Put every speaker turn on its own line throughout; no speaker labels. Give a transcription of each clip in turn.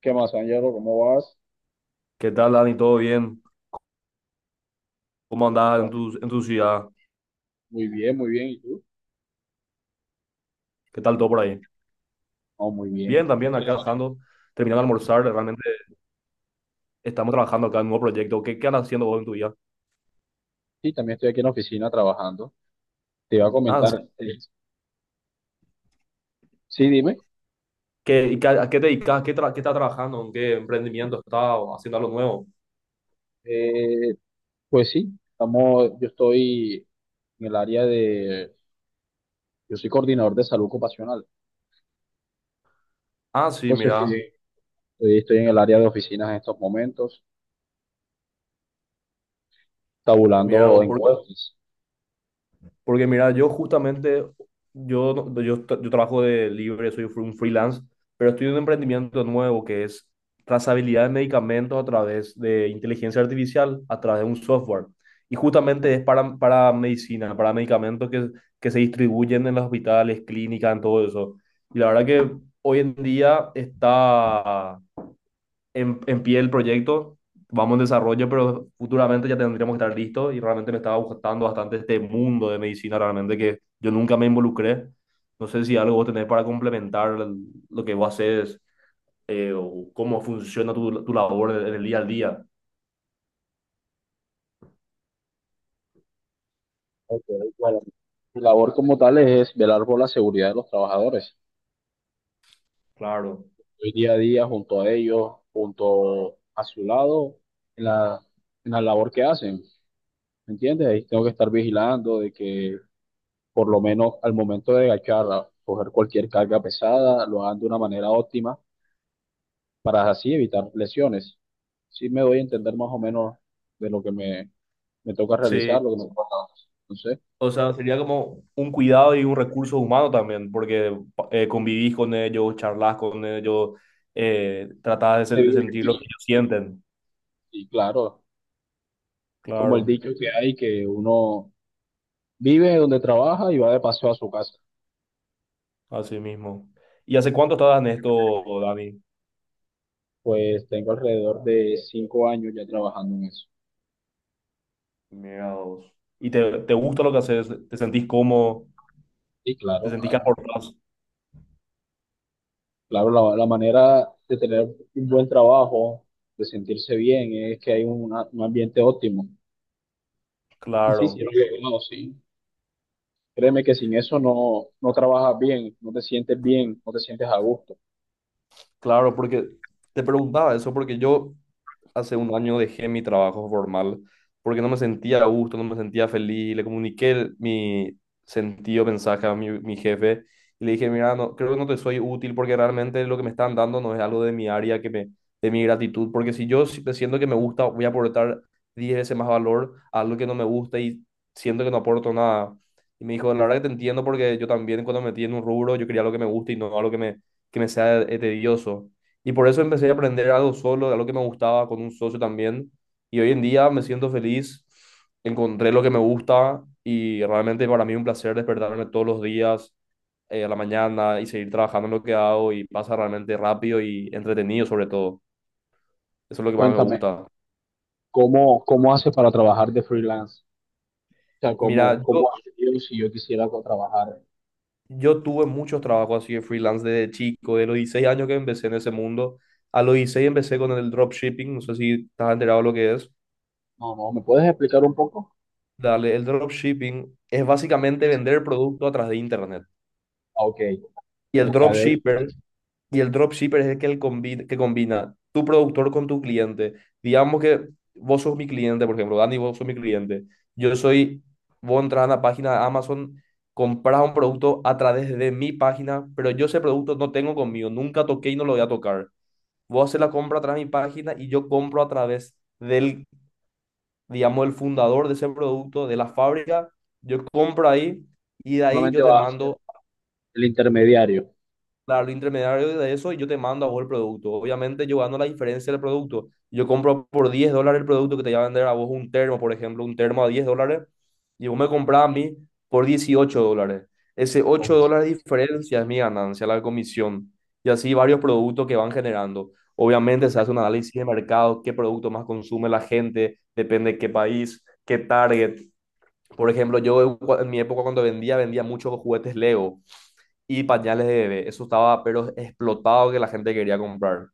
¿Qué más, Ángelo? ¿Cómo vas?
¿Qué tal, Dani? ¿Todo bien? ¿Cómo andás en
Pues,
tu ciudad?
muy bien, muy bien. ¿Y tú?
¿Qué tal todo por ahí?
Oh, muy
Bien,
bien.
también acá trabajando, terminando de almorzar. Realmente estamos trabajando acá en un nuevo proyecto. ¿Qué, qué andas haciendo vos en tu vida?
Sí, también estoy aquí en la oficina trabajando. Te iba a
Ah, ¿en
comentar.
serio?
eh, sí, dime.
¿Qué, y a qué te dedicas? ¿Qué, qué estás trabajando? ¿En qué emprendimiento estás? ¿O haciendo algo nuevo?
Eh, pues sí, yo estoy en el área de... Yo soy coordinador de salud ocupacional.
Ah, sí,
Entonces, sí,
mira.
estoy en el área de oficinas en estos momentos,
Mira
tabulando
vos.
encuestas.
Porque mira, yo justamente, yo, yo, yo trabajo de libre, soy un freelance, pero estoy en un emprendimiento nuevo que es trazabilidad de medicamentos a través de inteligencia artificial, a través de un software. Y justamente es para medicina, para medicamentos que se distribuyen en los hospitales, clínicas, en todo eso. Y la verdad que hoy en día está en pie el proyecto, vamos en desarrollo, pero futuramente ya tendríamos que estar listos y realmente me estaba gustando bastante este mundo de medicina, realmente que yo nunca me involucré. No sé si algo vos tenés para complementar lo que vos haces, o cómo funciona tu labor en el día al día.
Ok, bueno. Mi labor como tal es velar por la seguridad de los trabajadores.
Claro.
Estoy día a día junto a ellos, junto a su lado, en la, en la labor que hacen, ¿me entiendes? Ahí tengo que estar vigilando de que por lo menos al momento de agachar, a coger cualquier carga pesada, lo hagan de una manera óptima para así evitar lesiones. Sí me doy a entender más o menos de lo me toca
Sí,
realizar, lo que me toca hacer. Entonces,
o sea, sería como un cuidado y un recurso humano también, porque convivís con ellos, charlas con ellos, tratás de
se
de
vive el
sentir lo que
brillo.
ellos sienten.
Y claro, es como el
Claro.
dicho que hay, que uno vive donde trabaja y va de paseo a su casa.
Así mismo. ¿Y hace cuánto estás en esto, Dani?
Pues tengo alrededor de 5 años ya trabajando en eso.
Mira vos. ¿Y te gusta lo que haces? ¿Te sentís cómo?
Y
¿Te
claro,
sentís que
claro.
aportás?
Claro, la manera de tener un buen trabajo, de sentirse bien, es que hay una- un ambiente óptimo. Y sí, y
Claro.
yo sí lo he logrado, sí. Créeme que sin eso no, no trabajas bien, no te sientes bien, no te sientes a gusto.
Claro, porque te preguntaba eso, porque yo hace un año dejé mi trabajo formal, porque no me sentía a gusto, no me sentía feliz, le comuniqué mi sentido, mensaje a mi jefe y le dije, mira, no, creo que no te soy útil porque realmente lo que me están dando no es algo de mi área, de mi gratitud, porque si yo siento que me gusta, voy a aportar 10 veces más valor a algo que no me gusta y siento que no aporto nada. Y me dijo, la verdad que te entiendo porque yo también cuando me metí en un rubro, yo quería lo que me gusta y no algo que me sea tedioso. Y por eso empecé a aprender algo solo, algo que me gustaba con un socio también. Y hoy en día me siento feliz, encontré lo que me gusta y realmente para mí es un placer despertarme todos los días a la mañana y seguir trabajando en lo que hago y pasa realmente rápido y entretenido sobre todo. Eso es lo que más me
Cuéntame,
gusta.
¿cómo, cómo haces para trabajar de freelance? O sea, ¿cómo,
Mira, yo,
cómo haces yo si yo quisiera co- trabajar?
yo tuve muchos trabajos así de freelance desde chico, de los 16 años que empecé en ese mundo. A los 16 empecé con el dropshipping, no sé si estás enterado de lo que es.
No, no, ¿me puedes explicar un poco?
Dale, el dropshipping es básicamente vender producto a través de internet.
Ah, ok,
Y el
mercadeo,
dropshipper, y el dropshipper es el que, que combina tu productor con tu cliente. Digamos que vos sos mi cliente, por ejemplo, Dani, vos sos mi cliente. Yo soy, Vos entras a la página de Amazon, compras un producto a través de mi página, pero yo ese producto no tengo conmigo, nunca toqué y no lo voy a tocar. Vos haces la compra a través de mi página y yo compro a través del, digamos, el fundador de ese producto, de la fábrica. Yo compro ahí y de ahí
solamente
yo te
va a ser
mando
el intermediario.
al intermediario de eso y yo te mando a vos el producto. Obviamente yo gano la diferencia del producto. Yo compro por $10 el producto que te va a vender a vos un termo, por ejemplo, un termo a $10 y vos me compras a mí por $18. Ese ocho
Ok.
dólares de diferencia es mi ganancia, la comisión. Y así varios productos que van generando. Obviamente se hace un análisis de mercado, qué producto más consume la gente, depende de qué país, qué target. Por ejemplo, yo en mi época cuando vendía, vendía muchos juguetes Lego y pañales de bebé. Eso estaba, pero explotado, que la gente quería comprar.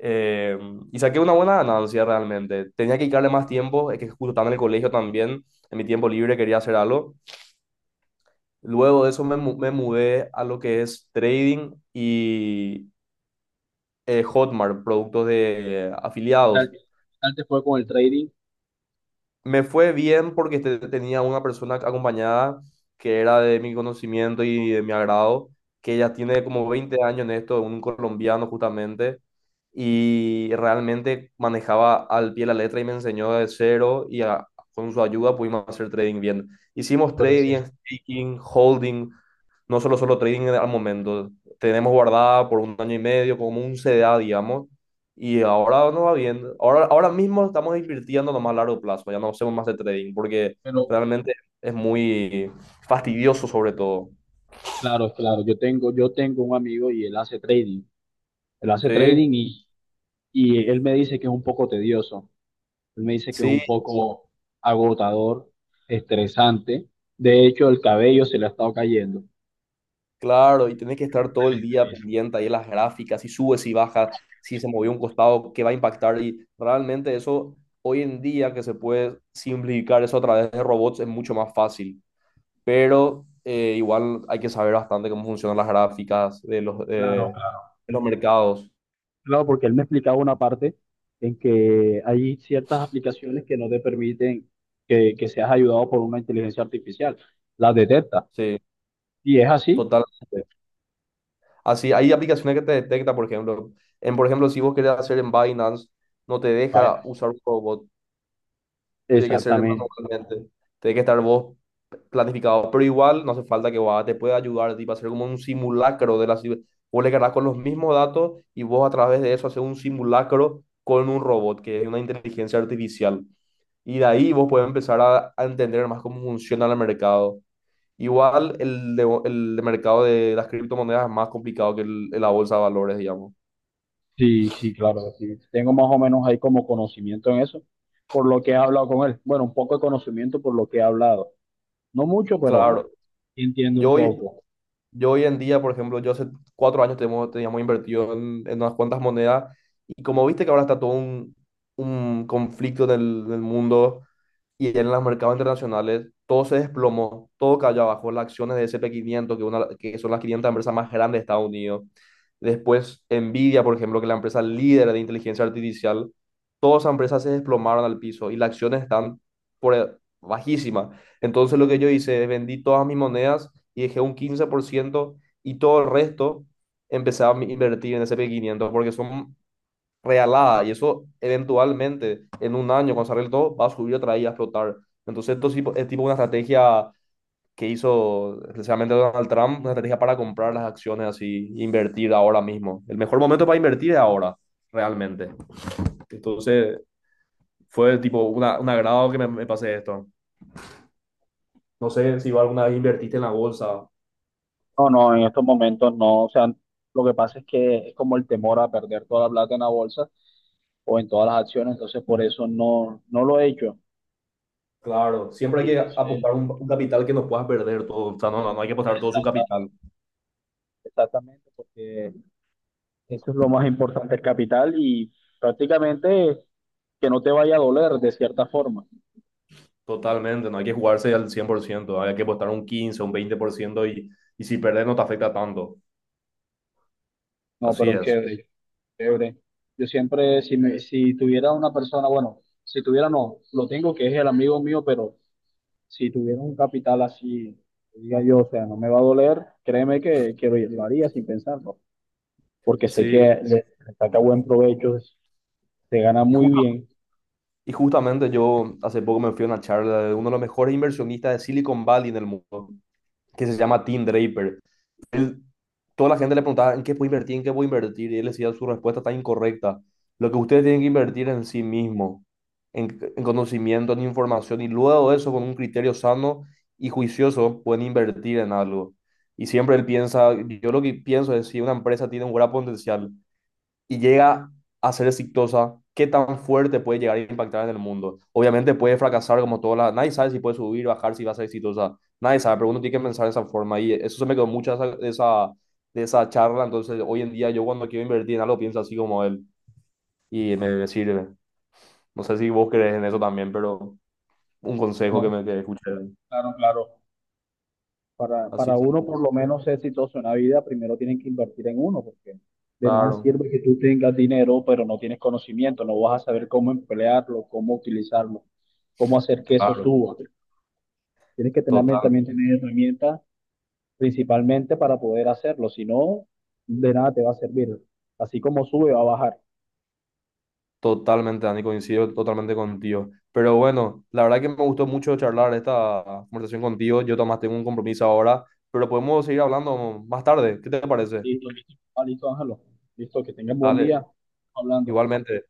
Eh, y saqué una buena ganancia realmente. Tenía que dedicarle más tiempo, es que justo estaba en el colegio también, en mi tiempo libre quería hacer algo. Luego de eso me mudé a lo que es trading y Hotmart, productos de afiliados.
Qué tal te fue con el trading?
Me fue bien porque tenía una persona acompañada que era de mi conocimiento y de mi agrado, que ella tiene como 20 años en esto, un colombiano justamente, y realmente manejaba al pie la letra y me enseñó de cero y con su ayuda pudimos hacer trading bien. Hicimos
Pero, es
trading,
que-
staking, holding, no solo trading al momento. Tenemos guardada por un año y medio como un CDA, digamos, y ahora no va bien. Ahora mismo estamos invirtiendo nomás a largo plazo. Ya no hacemos más de trading porque
pero
realmente es muy fastidioso sobre todo.
claro, claro, yo tengo un amigo y él hace trading. Él hace
Sí,
trading y él me dice que es un poco tedioso. Él me dice que es
sí,
un poco agotador, estresante. De hecho, el cabello se le ha estado cayendo.
claro. Y tenés que estar todo
El
el día
estrés.
pendiente ahí de las gráficas, si sube, si baja, si se movió un costado, qué va a impactar. Y realmente eso, hoy en día que se puede simplificar eso a través de robots, es mucho más fácil. Pero igual hay que saber bastante cómo funcionan las gráficas de los,
Claro,
eh,
claro.
de los mercados.
Claro, porque él me explicaba una parte en que hay ciertas aplicaciones que no te permiten que seas ayudado por una inteligencia artificial. Las detecta.
Sí.
Y es así.
Totalmente. Así, hay aplicaciones que te detecta. Por ejemplo, si vos querés hacer en Binance, no te deja usar un robot, tiene que ser
Exactamente.
manualmente, tiene que estar vos planificado, pero igual no hace falta que vos te pueda ayudar, tipo, hacer como un simulacro Vos le cargas con los mismos datos y vos a través de eso haces un simulacro con un robot, que es una inteligencia artificial. Y de ahí vos puedes empezar a entender más cómo funciona el mercado. Igual el mercado de las criptomonedas es más complicado que la bolsa de valores, digamos. Mm,
Sí, sí, claro, sí. Tengo más o menos ahí como conocimiento en eso, por lo que he hablado con él. Bueno, un poco de conocimiento por lo que he hablado. No mucho, pero
claro,
sí entiendo un
yo hoy,
poco.
yo hoy en día, por ejemplo, yo hace 4 años teníamos invertido en unas cuantas monedas, y como viste que ahora está todo un conflicto en el mundo, y en los mercados internacionales todo se desplomó, todo cayó abajo, las acciones de S&P 500, que son las 500 empresas más grandes de Estados Unidos. Después Nvidia, por ejemplo, que es la empresa líder de inteligencia artificial, todas esas empresas se desplomaron al piso y las acciones están por e- bajísimas. Entonces, lo que yo hice es vendí todas mis monedas y dejé un 15%, y todo el resto empecé a invertir en S&P 500 porque son realada, y eso eventualmente en un año, cuando se arregle todo, va a subir otra vez y a explotar. Entonces esto es tipo una estrategia que hizo especialmente Donald Trump, una estrategia para comprar las acciones así, invertir ahora mismo. El mejor momento para invertir es ahora, realmente. Entonces fue tipo un agrado que me pasé esto. No sé si vos alguna vez invertiste en la bolsa.
No, no, en estos momentos no. O sea, lo que pasa es que es como el temor a perder toda la plata en la bolsa o en todas las acciones, entonces por eso no, no lo he hecho.
Claro, siempre
Y
hay que
entonces,
apostar un capital que no puedas perder todo. O sea, no, no, no hay que apostar todo su
exacta-
capital.
exactamente, porque eso es lo más importante, el capital y prácticamente que no te vaya a doler de cierta forma.
Totalmente, no hay que jugarse al 100%, hay que apostar un 15, un 20%, y si perder no te afecta tanto.
No,
Así
pero
es.
chévere, chévere. Yo siempre, si, me, si tuviera una persona, bueno, si tuviera no, lo tengo que es el amigo mío, pero si tuviera un capital así, que diga yo, o sea, no me va a doler, créeme que lo haría sin pensarlo, porque sé que
Sí,
le saca buen provecho, se gana
y,
muy
justa-
bien,
y justamente yo hace poco me fui a una charla de uno de los mejores inversionistas de Silicon Valley en el mundo, que se llama Tim Draper. Él, toda la gente le preguntaba en qué puedo invertir, en qué puedo invertir, y él decía, su respuesta está incorrecta. Lo que ustedes tienen que invertir en sí mismo, en conocimiento, en información, y luego de eso, con un criterio sano y juicioso, pueden invertir en algo. Y siempre él piensa, yo lo que pienso es, si una empresa tiene un gran potencial y llega a ser exitosa, ¿qué tan fuerte puede llegar a impactar en el mundo? Obviamente puede fracasar como toda la. Nadie sabe si puede subir, bajar, si va a ser exitosa. Nadie sabe, pero uno tiene que pensar de esa forma. Y eso se me quedó mucho de esa charla. Entonces, hoy en día yo, cuando quiero invertir en algo, pienso así como él y me sirve. No sé si vos crees en eso también, pero un consejo
¿no?
que escuché.
Claro, claro.
Así,
Para
sí.
uno por lo menos ser exitoso en la vida, primero tienen que invertir en uno, porque de nada
Claro,
sirve que tú tengas dinero, pero no tienes conocimiento, no vas a saber cómo emplearlo, cómo utilizarlo, cómo hacer que eso
claro,
suba. Tienes que tener,
total.
también tener herramientas principalmente para poder hacerlo, si no, de nada te va a servir. Así como sube, va a bajar.
Totalmente, Dani, coincido totalmente contigo. Pero bueno, la verdad que me gustó mucho charlar esta conversación contigo. Yo además tengo un compromiso ahora, pero podemos seguir hablando más tarde. ¿Qué te parece?
Listo, listo, ah, listo, Ángelo. Listo, que tengan buen
Dale,
día. Hablando.
igualmente.